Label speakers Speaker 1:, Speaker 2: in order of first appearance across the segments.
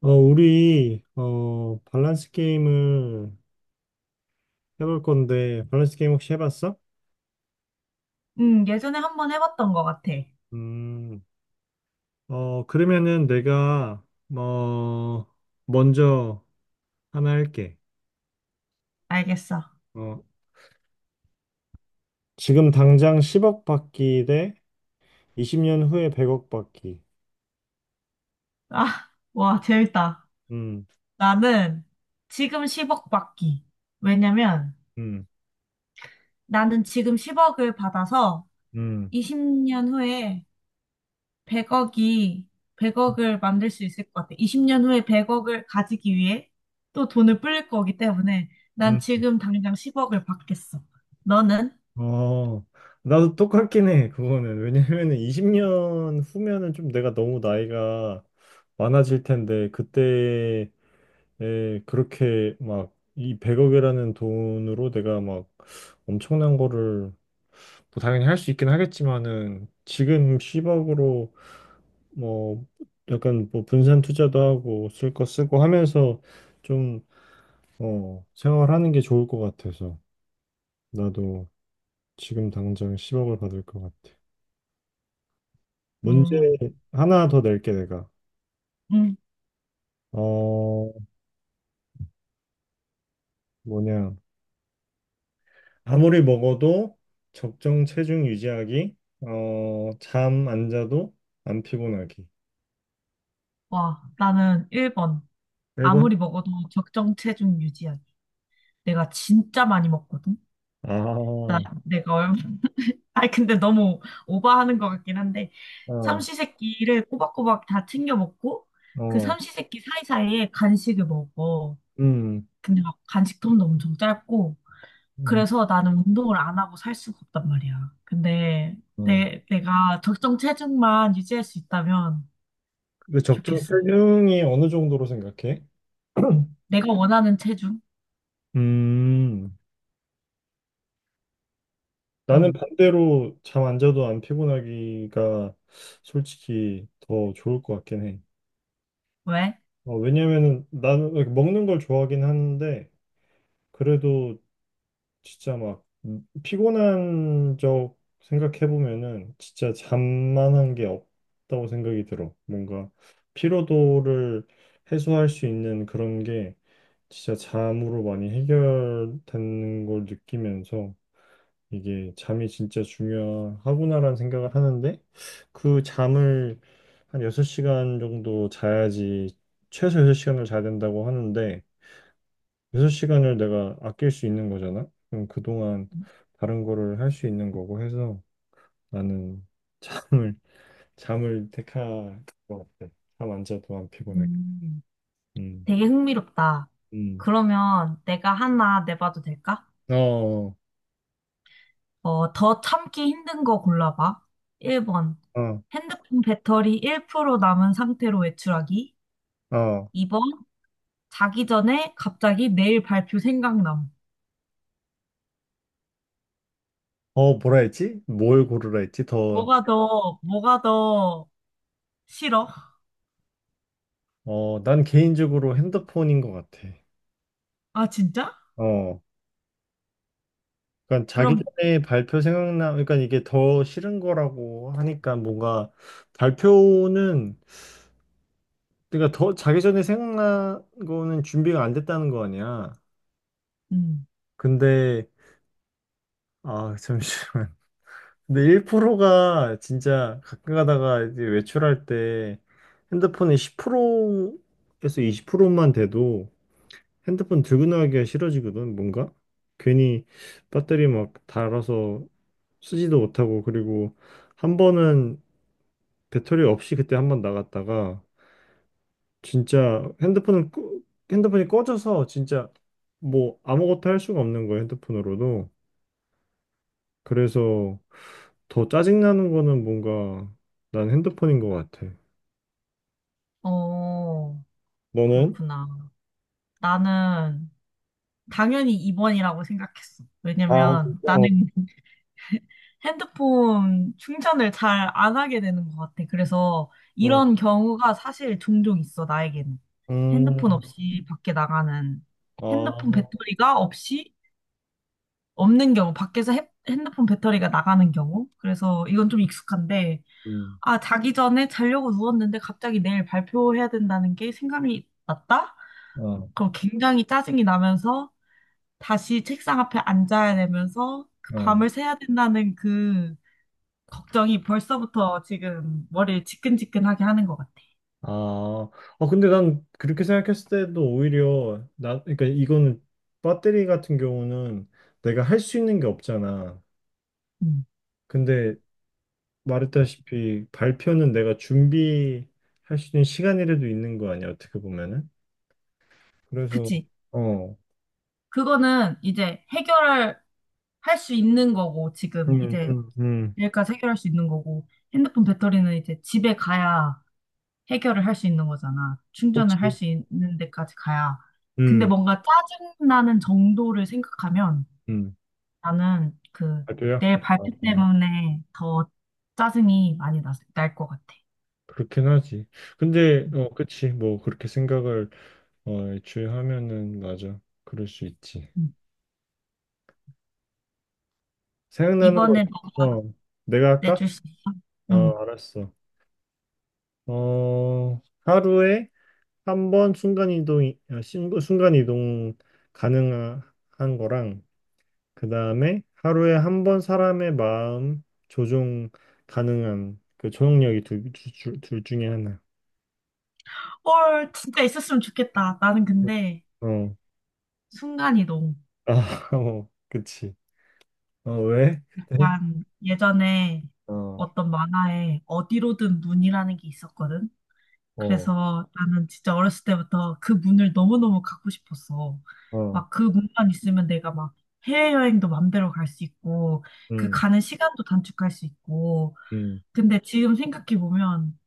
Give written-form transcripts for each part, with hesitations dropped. Speaker 1: 우리, 밸런스 게임을 해볼 건데, 밸런스 게임 혹시 해봤어?
Speaker 2: 예전에 한번 해봤던 것 같아.
Speaker 1: 음. 그러면은 내가, 뭐, 먼저 하나 할게.
Speaker 2: 알겠어.
Speaker 1: 어, 지금 당장 10억 받기 대 20년 후에 100억 받기.
Speaker 2: 아, 와, 재밌다.
Speaker 1: 음.
Speaker 2: 나는 지금 10억 받기. 왜냐면
Speaker 1: 음.
Speaker 2: 나는 지금 10억을 받아서
Speaker 1: 음.
Speaker 2: 20년 후에 100억이, 100억을 만들 수 있을 것 같아. 20년 후에 100억을 가지기 위해 또 돈을 불릴 거기 때문에 난
Speaker 1: 음.
Speaker 2: 지금 당장 10억을 받겠어. 너는?
Speaker 1: 어, 나도 똑같긴 해, 그거는. 왜냐면은 20년 후면은 좀 내가 너무 나이가 많아질 텐데, 그때 그렇게 막 이 100억이라는 돈으로 내가 막 엄청난 거를 뭐 당연히 할 수 있긴 하겠지만은 지금 10억으로 뭐 약간 뭐 분산 투자도 하고 쓸 거 쓰고 하면서 좀 생활하는 게 좋을 것 같아서 나도 지금 당장 10억을 받을 것 같아. 문제
Speaker 2: 음,
Speaker 1: 하나 더 낼게 내가.
Speaker 2: 음,
Speaker 1: 어, 뭐냐. 아무리 먹어도 적정 체중 유지하기, 잠 안 자도 안 피곤하기.
Speaker 2: 와, 나는 1번.
Speaker 1: 1번?
Speaker 2: 아무리 먹어도 적정 체중 유지하기. 내가 진짜 많이 먹거든? 나,
Speaker 1: 아.
Speaker 2: 내가 얼마, 아니, 근데 너무 오버하는 것 같긴 한데,
Speaker 1: 아.
Speaker 2: 삼시세끼를 꼬박꼬박 다 챙겨 먹고, 그
Speaker 1: 어.
Speaker 2: 삼시세끼 사이사이에 간식을 먹어.
Speaker 1: 음.
Speaker 2: 근데 막 간식통도 엄청 짧고,
Speaker 1: 음.
Speaker 2: 그래서 나는 운동을 안 하고 살 수가 없단 말이야. 근데
Speaker 1: 어.
Speaker 2: 내가 적정 체중만 유지할 수 있다면
Speaker 1: 그 적정
Speaker 2: 좋겠어.
Speaker 1: 체중이 어느 정도로 생각해?
Speaker 2: 내가 원하는 체중?
Speaker 1: 음. 나는
Speaker 2: 응.
Speaker 1: 반대로 잠 안 자도 안 피곤하기가 솔직히 더 좋을 것 같긴 해.
Speaker 2: 왜?
Speaker 1: 왜냐면은 나는 먹는 걸 좋아하긴 하는데, 그래도 진짜 막 피곤한 적 생각해보면은 진짜 잠만한 게 없다고 생각이 들어. 뭔가 피로도를 해소할 수 있는 그런 게 진짜 잠으로 많이 해결되는 걸 느끼면서 이게 잠이 진짜 중요하구나라는 생각을 하는데 그 잠을 한 6시간 정도 자야지 최소 6시간을 자야 된다고 하는데 6시간을 내가 아낄 수 있는 거잖아? 그럼 그동안 다른 거를 할 수 있는 거고 해서 나는 잠을, 잠을 택할 것 같아. 잠안 자도 안 피곤하게.
Speaker 2: 음.
Speaker 1: 음.
Speaker 2: 되게 흥미롭다.
Speaker 1: 음.
Speaker 2: 그러면 내가 하나 내봐도 될까?
Speaker 1: 어. 어.
Speaker 2: 어, 더 참기 힘든 거 골라봐. 1번. 핸드폰 배터리 1% 남은 상태로 외출하기.
Speaker 1: 어.
Speaker 2: 2번. 자기 전에 갑자기 내일 발표 생각남.
Speaker 1: 뭐라 했지? 뭘 고르라 했지? 더,
Speaker 2: 뭐가 더 싫어?
Speaker 1: 난 개인적으로 핸드폰인 것 같아.
Speaker 2: 아, 진짜?
Speaker 1: 어. 그러니까 자기
Speaker 2: 그럼,
Speaker 1: 전에 발표 생각나, 그러니까 이게 더 싫은 거라고 하니까 뭔가 발표는 그러니까 더 자기 전에 생각난 거는 준비가 안 됐다는 거 아니야.
Speaker 2: 음,
Speaker 1: 근데 아 잠시만. 근데 1%가 진짜 가끔 가다가 이제 외출할 때 핸드폰이 10%에서 20%만 돼도 핸드폰 들고 나가기가 싫어지거든. 뭔가 괜히 배터리 막 닳아서 쓰지도 못하고 그리고 한 번은 배터리 없이 그때 한 번 나갔다가 진짜 핸드폰이 꺼져서 진짜 뭐 아무것도 할 수가 없는 거예요, 핸드폰으로도. 그래서 더 짜증나는 거는 뭔가 난 핸드폰인 것 같아.
Speaker 2: 어,
Speaker 1: 너는?
Speaker 2: 그렇구나. 나는 당연히 2번이라고 생각했어.
Speaker 1: 아,
Speaker 2: 왜냐면
Speaker 1: 진짜? 어.
Speaker 2: 나는 핸드폰 충전을 잘 안 하게 되는 것 같아. 그래서
Speaker 1: 응.
Speaker 2: 이런 경우가 사실 종종 있어, 나에게는. 핸드폰
Speaker 1: 음.
Speaker 2: 없이 밖에 나가는,
Speaker 1: 아.
Speaker 2: 핸드폰 배터리가 없이 없는 경우, 밖에서 핸드폰 배터리가 나가는 경우. 그래서 이건 좀 익숙한데,
Speaker 1: 음.
Speaker 2: 아, 자기 전에 자려고 누웠는데 갑자기 내일 발표해야 된다는 게 생각이 났다?
Speaker 1: 어.
Speaker 2: 그럼 굉장히 짜증이 나면서 다시 책상 앞에 앉아야 되면서 그
Speaker 1: 어.
Speaker 2: 밤을 새야 된다는 그 걱정이 벌써부터 지금 머리를 지끈지끈하게 하는 것 같아.
Speaker 1: 아, 아, 근데 난 그렇게 생각했을 때도 오히려 나, 그러니까 이거는 배터리 같은 경우는 내가 할 수 있는 게 없잖아.
Speaker 2: 음.
Speaker 1: 근데 말했다시피 발표는 내가 준비할 수 있는 시간이라도 있는 거 아니야, 어떻게 보면은. 그래서,
Speaker 2: 그치?
Speaker 1: 어.
Speaker 2: 그거는 이제 해결할 할 수 있는 거고, 지금
Speaker 1: 음.
Speaker 2: 이제
Speaker 1: 음. 음.
Speaker 2: 여기까지 해결할 수 있는 거고, 핸드폰 배터리는 이제 집에 가야 해결을 할 수 있는 거잖아. 충전을 할
Speaker 1: 그렇지.
Speaker 2: 수 있는 데까지 가야. 근데
Speaker 1: 음.
Speaker 2: 뭔가 짜증나는 정도를 생각하면
Speaker 1: 음.
Speaker 2: 나는 그
Speaker 1: 발표야?
Speaker 2: 내
Speaker 1: 어,
Speaker 2: 발표 때문에 더 짜증이 많이 날 것 같아.
Speaker 1: 그렇긴 하지. 근데,
Speaker 2: 음.
Speaker 1: 그치. 뭐, 그렇게 생각을, 애초에 하면은, 맞아. 그럴 수 있지.
Speaker 2: 음.
Speaker 1: 생각나는 거,
Speaker 2: 이번에 너
Speaker 1: 어, 내가 할까?
Speaker 2: 내줄 수 있어? 응.
Speaker 1: 알았어. 하루에 한 번 순간이동 가능한 거랑, 그 다음에 하루에 한 번 사람의 마음 조종 가능한 그 조종력이 둘 중에 하나.
Speaker 2: 헐, 진짜 있었으면 좋겠다. 나는 근데
Speaker 1: 어,
Speaker 2: 순간이동.
Speaker 1: 아. 어, 그치. 왜? 그때?
Speaker 2: 약간 예전에
Speaker 1: 어.
Speaker 2: 어떤 만화에 어디로든 문이라는 게 있었거든.
Speaker 1: 어.
Speaker 2: 그래서 나는 진짜 어렸을 때부터 그 문을 너무너무 갖고 싶었어.
Speaker 1: 어.
Speaker 2: 막 그 문만 있으면 내가 막 해외여행도 맘대로 갈 수 있고, 그
Speaker 1: 음.
Speaker 2: 가는 시간도 단축할 수 있고.
Speaker 1: 음.
Speaker 2: 근데 지금 생각해보면,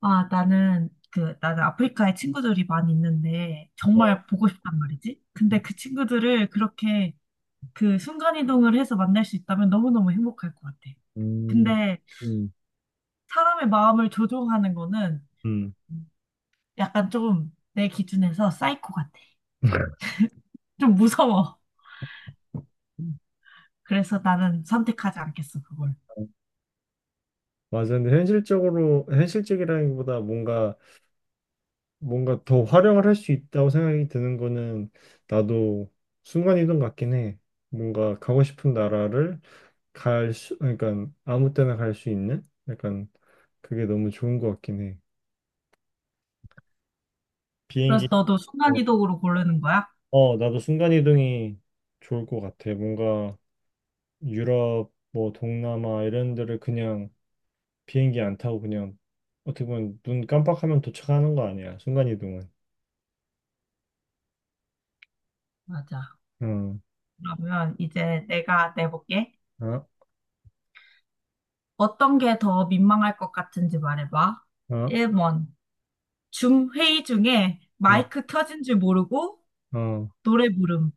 Speaker 2: 나는 아프리카에 친구들이 많이 있는데,
Speaker 1: 어.
Speaker 2: 정말 보고 싶단 말이지. 근데 그 친구들을 그렇게 그 순간이동을 해서 만날 수 있다면 너무너무 행복할 것 같아.
Speaker 1: 음.
Speaker 2: 근데
Speaker 1: 음.
Speaker 2: 사람의 마음을 조종하는 거는
Speaker 1: 음.
Speaker 2: 약간 좀 내 기준에서 사이코 같아. 좀 무서워. 그래서 나는 선택하지 않겠어, 그걸.
Speaker 1: 맞아. 근데 현실적으로, 현실적이라기보다 뭔가 더 활용을 할 수 있다고 생각이 드는 거는 나도 순간이동 같긴 해. 뭔가 가고 싶은 나라를 갈 수, 그러니까 아무 때나 갈 수 있는 약간 그게 너무 좋은 것 같긴 해. 비행기,
Speaker 2: 그래서 너도
Speaker 1: 어,
Speaker 2: 순간이동으로 고르는 거야?
Speaker 1: 나도 순간이동이 좋을 것 같아. 뭔가 유럽, 뭐 동남아 이런 데를 그냥 비행기 안 타고 그냥 어떻게 보면 눈 깜빡하면 도착하는 거 아니야. 순간이동은.
Speaker 2: 맞아.
Speaker 1: 응.
Speaker 2: 그러면 이제 내가 내볼게.
Speaker 1: 어.
Speaker 2: 어떤 게 더 민망할 것 같은지 말해봐.
Speaker 1: 어.
Speaker 2: 1번. 줌 회의 중에
Speaker 1: 어.
Speaker 2: 마이크 켜진 줄 모르고
Speaker 1: 어. 어.
Speaker 2: 노래 부름.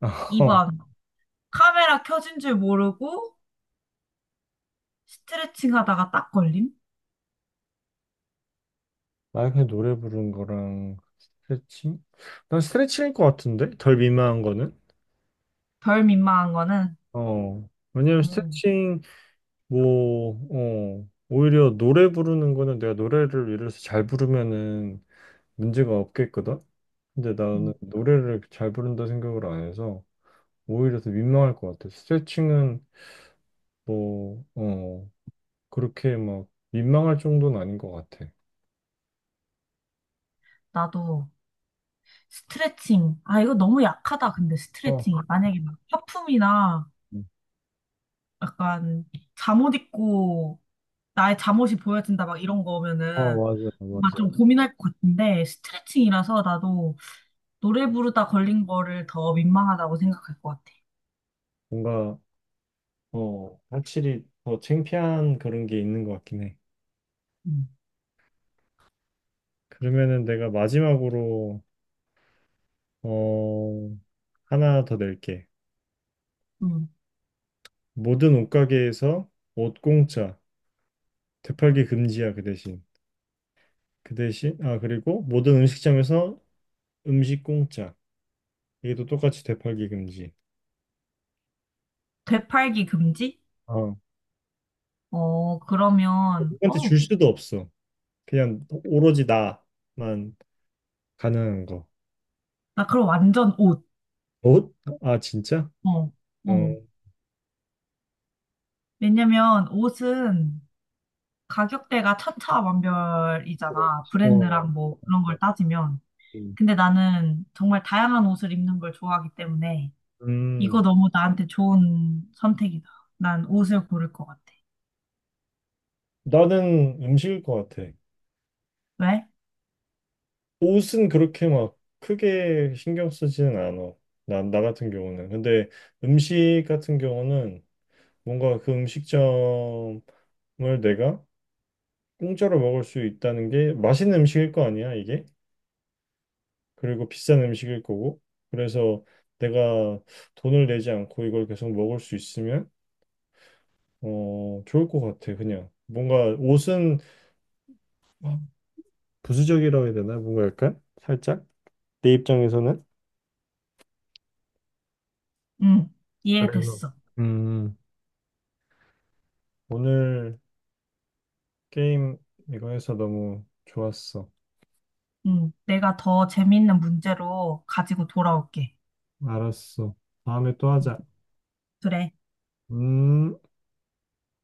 Speaker 2: 2번. 카메라 켜진 줄 모르고 스트레칭 하다가 딱 걸림?
Speaker 1: 만약에 노래 부르는 거랑 스트레칭? 난 스트레칭일 것 같은데? 덜 민망한 거는?
Speaker 2: 덜 민망한 거는,
Speaker 1: 어. 왜냐면
Speaker 2: 음.
Speaker 1: 스트레칭, 뭐, 어. 오히려 노래 부르는 거는 내가 노래를 예를 들어서 잘 부르면은 문제가 없겠거든? 근데 나는
Speaker 2: 음,
Speaker 1: 노래를 잘 부른다 생각을 안 해서 오히려 더 민망할 것 같아. 스트레칭은 뭐, 어. 그렇게 막 민망할 정도는 아닌 것 같아.
Speaker 2: 나도 스트레칭. 아, 이거 너무 약하다, 근데
Speaker 1: 어,
Speaker 2: 스트레칭이. 만약에 막 화품이나 약간 잠옷 입고 나의 잠옷이 보여진다, 막 이런
Speaker 1: 어,
Speaker 2: 거면은
Speaker 1: 맞아,
Speaker 2: 뭔가
Speaker 1: 맞아.
Speaker 2: 좀 고민할 것 같은데, 스트레칭이라서 나도 노래 부르다 걸린 거를 더 민망하다고 생각할 것 같아.
Speaker 1: 뭔가 확실히 더 창피한 그런 게 있는 것 같긴 해.
Speaker 2: 음.
Speaker 1: 그러면은 내가 마지막으로 어, 하나 더 낼게.
Speaker 2: 음.
Speaker 1: 모든 옷가게에서 옷 공짜, 되팔기 금지야 그 대신. 그 대신 아 그리고 모든 음식점에서 음식 공짜. 이게 또 똑같이 되팔기 금지.
Speaker 2: 되팔기 금지?
Speaker 1: 어.
Speaker 2: 어, 그러면,
Speaker 1: 누구한테 줄
Speaker 2: 어,
Speaker 1: 수도 없어. 그냥 오로지 나만 가능한 거.
Speaker 2: 나 그럼 완전 옷.
Speaker 1: 옷? 아 진짜?
Speaker 2: 어,
Speaker 1: 어.
Speaker 2: 어. 왜냐면 옷은 가격대가 천차만별이잖아.
Speaker 1: 그렇지. 어.
Speaker 2: 브랜드랑 뭐 그런 걸 따지면.
Speaker 1: 음.
Speaker 2: 근데 나는 정말 다양한 옷을 입는 걸 좋아하기 때문에
Speaker 1: 음.
Speaker 2: 이거 너무 나한테 좋은 선택이다. 난 옷을 고를 것 같아.
Speaker 1: 나는 음식일 것 같아.
Speaker 2: 왜?
Speaker 1: 옷은 그렇게 막 크게 신경 쓰지는 않아. 나 같은 경우는. 근데 음식 같은 경우는 뭔가 그 음식점을 내가 공짜로 먹을 수 있다는 게 맛있는 음식일 거 아니야, 이게? 그리고 비싼 음식일 거고. 그래서 내가 돈을 내지 않고 이걸 계속 먹을 수 있으면 좋을 것 같아, 그냥. 뭔가 옷은 부수적이라고 해야 되나? 뭔가 약간 살짝 내 입장에서는.
Speaker 2: 응,
Speaker 1: 그래서
Speaker 2: 이해됐어.
Speaker 1: 음 오늘 게임 이거 해서 너무 좋았어.
Speaker 2: 응, 내가 더 재밌는 문제로 가지고 돌아올게.
Speaker 1: 알았어. 다음에 또
Speaker 2: 응,
Speaker 1: 하자.
Speaker 2: 그래.
Speaker 1: 음.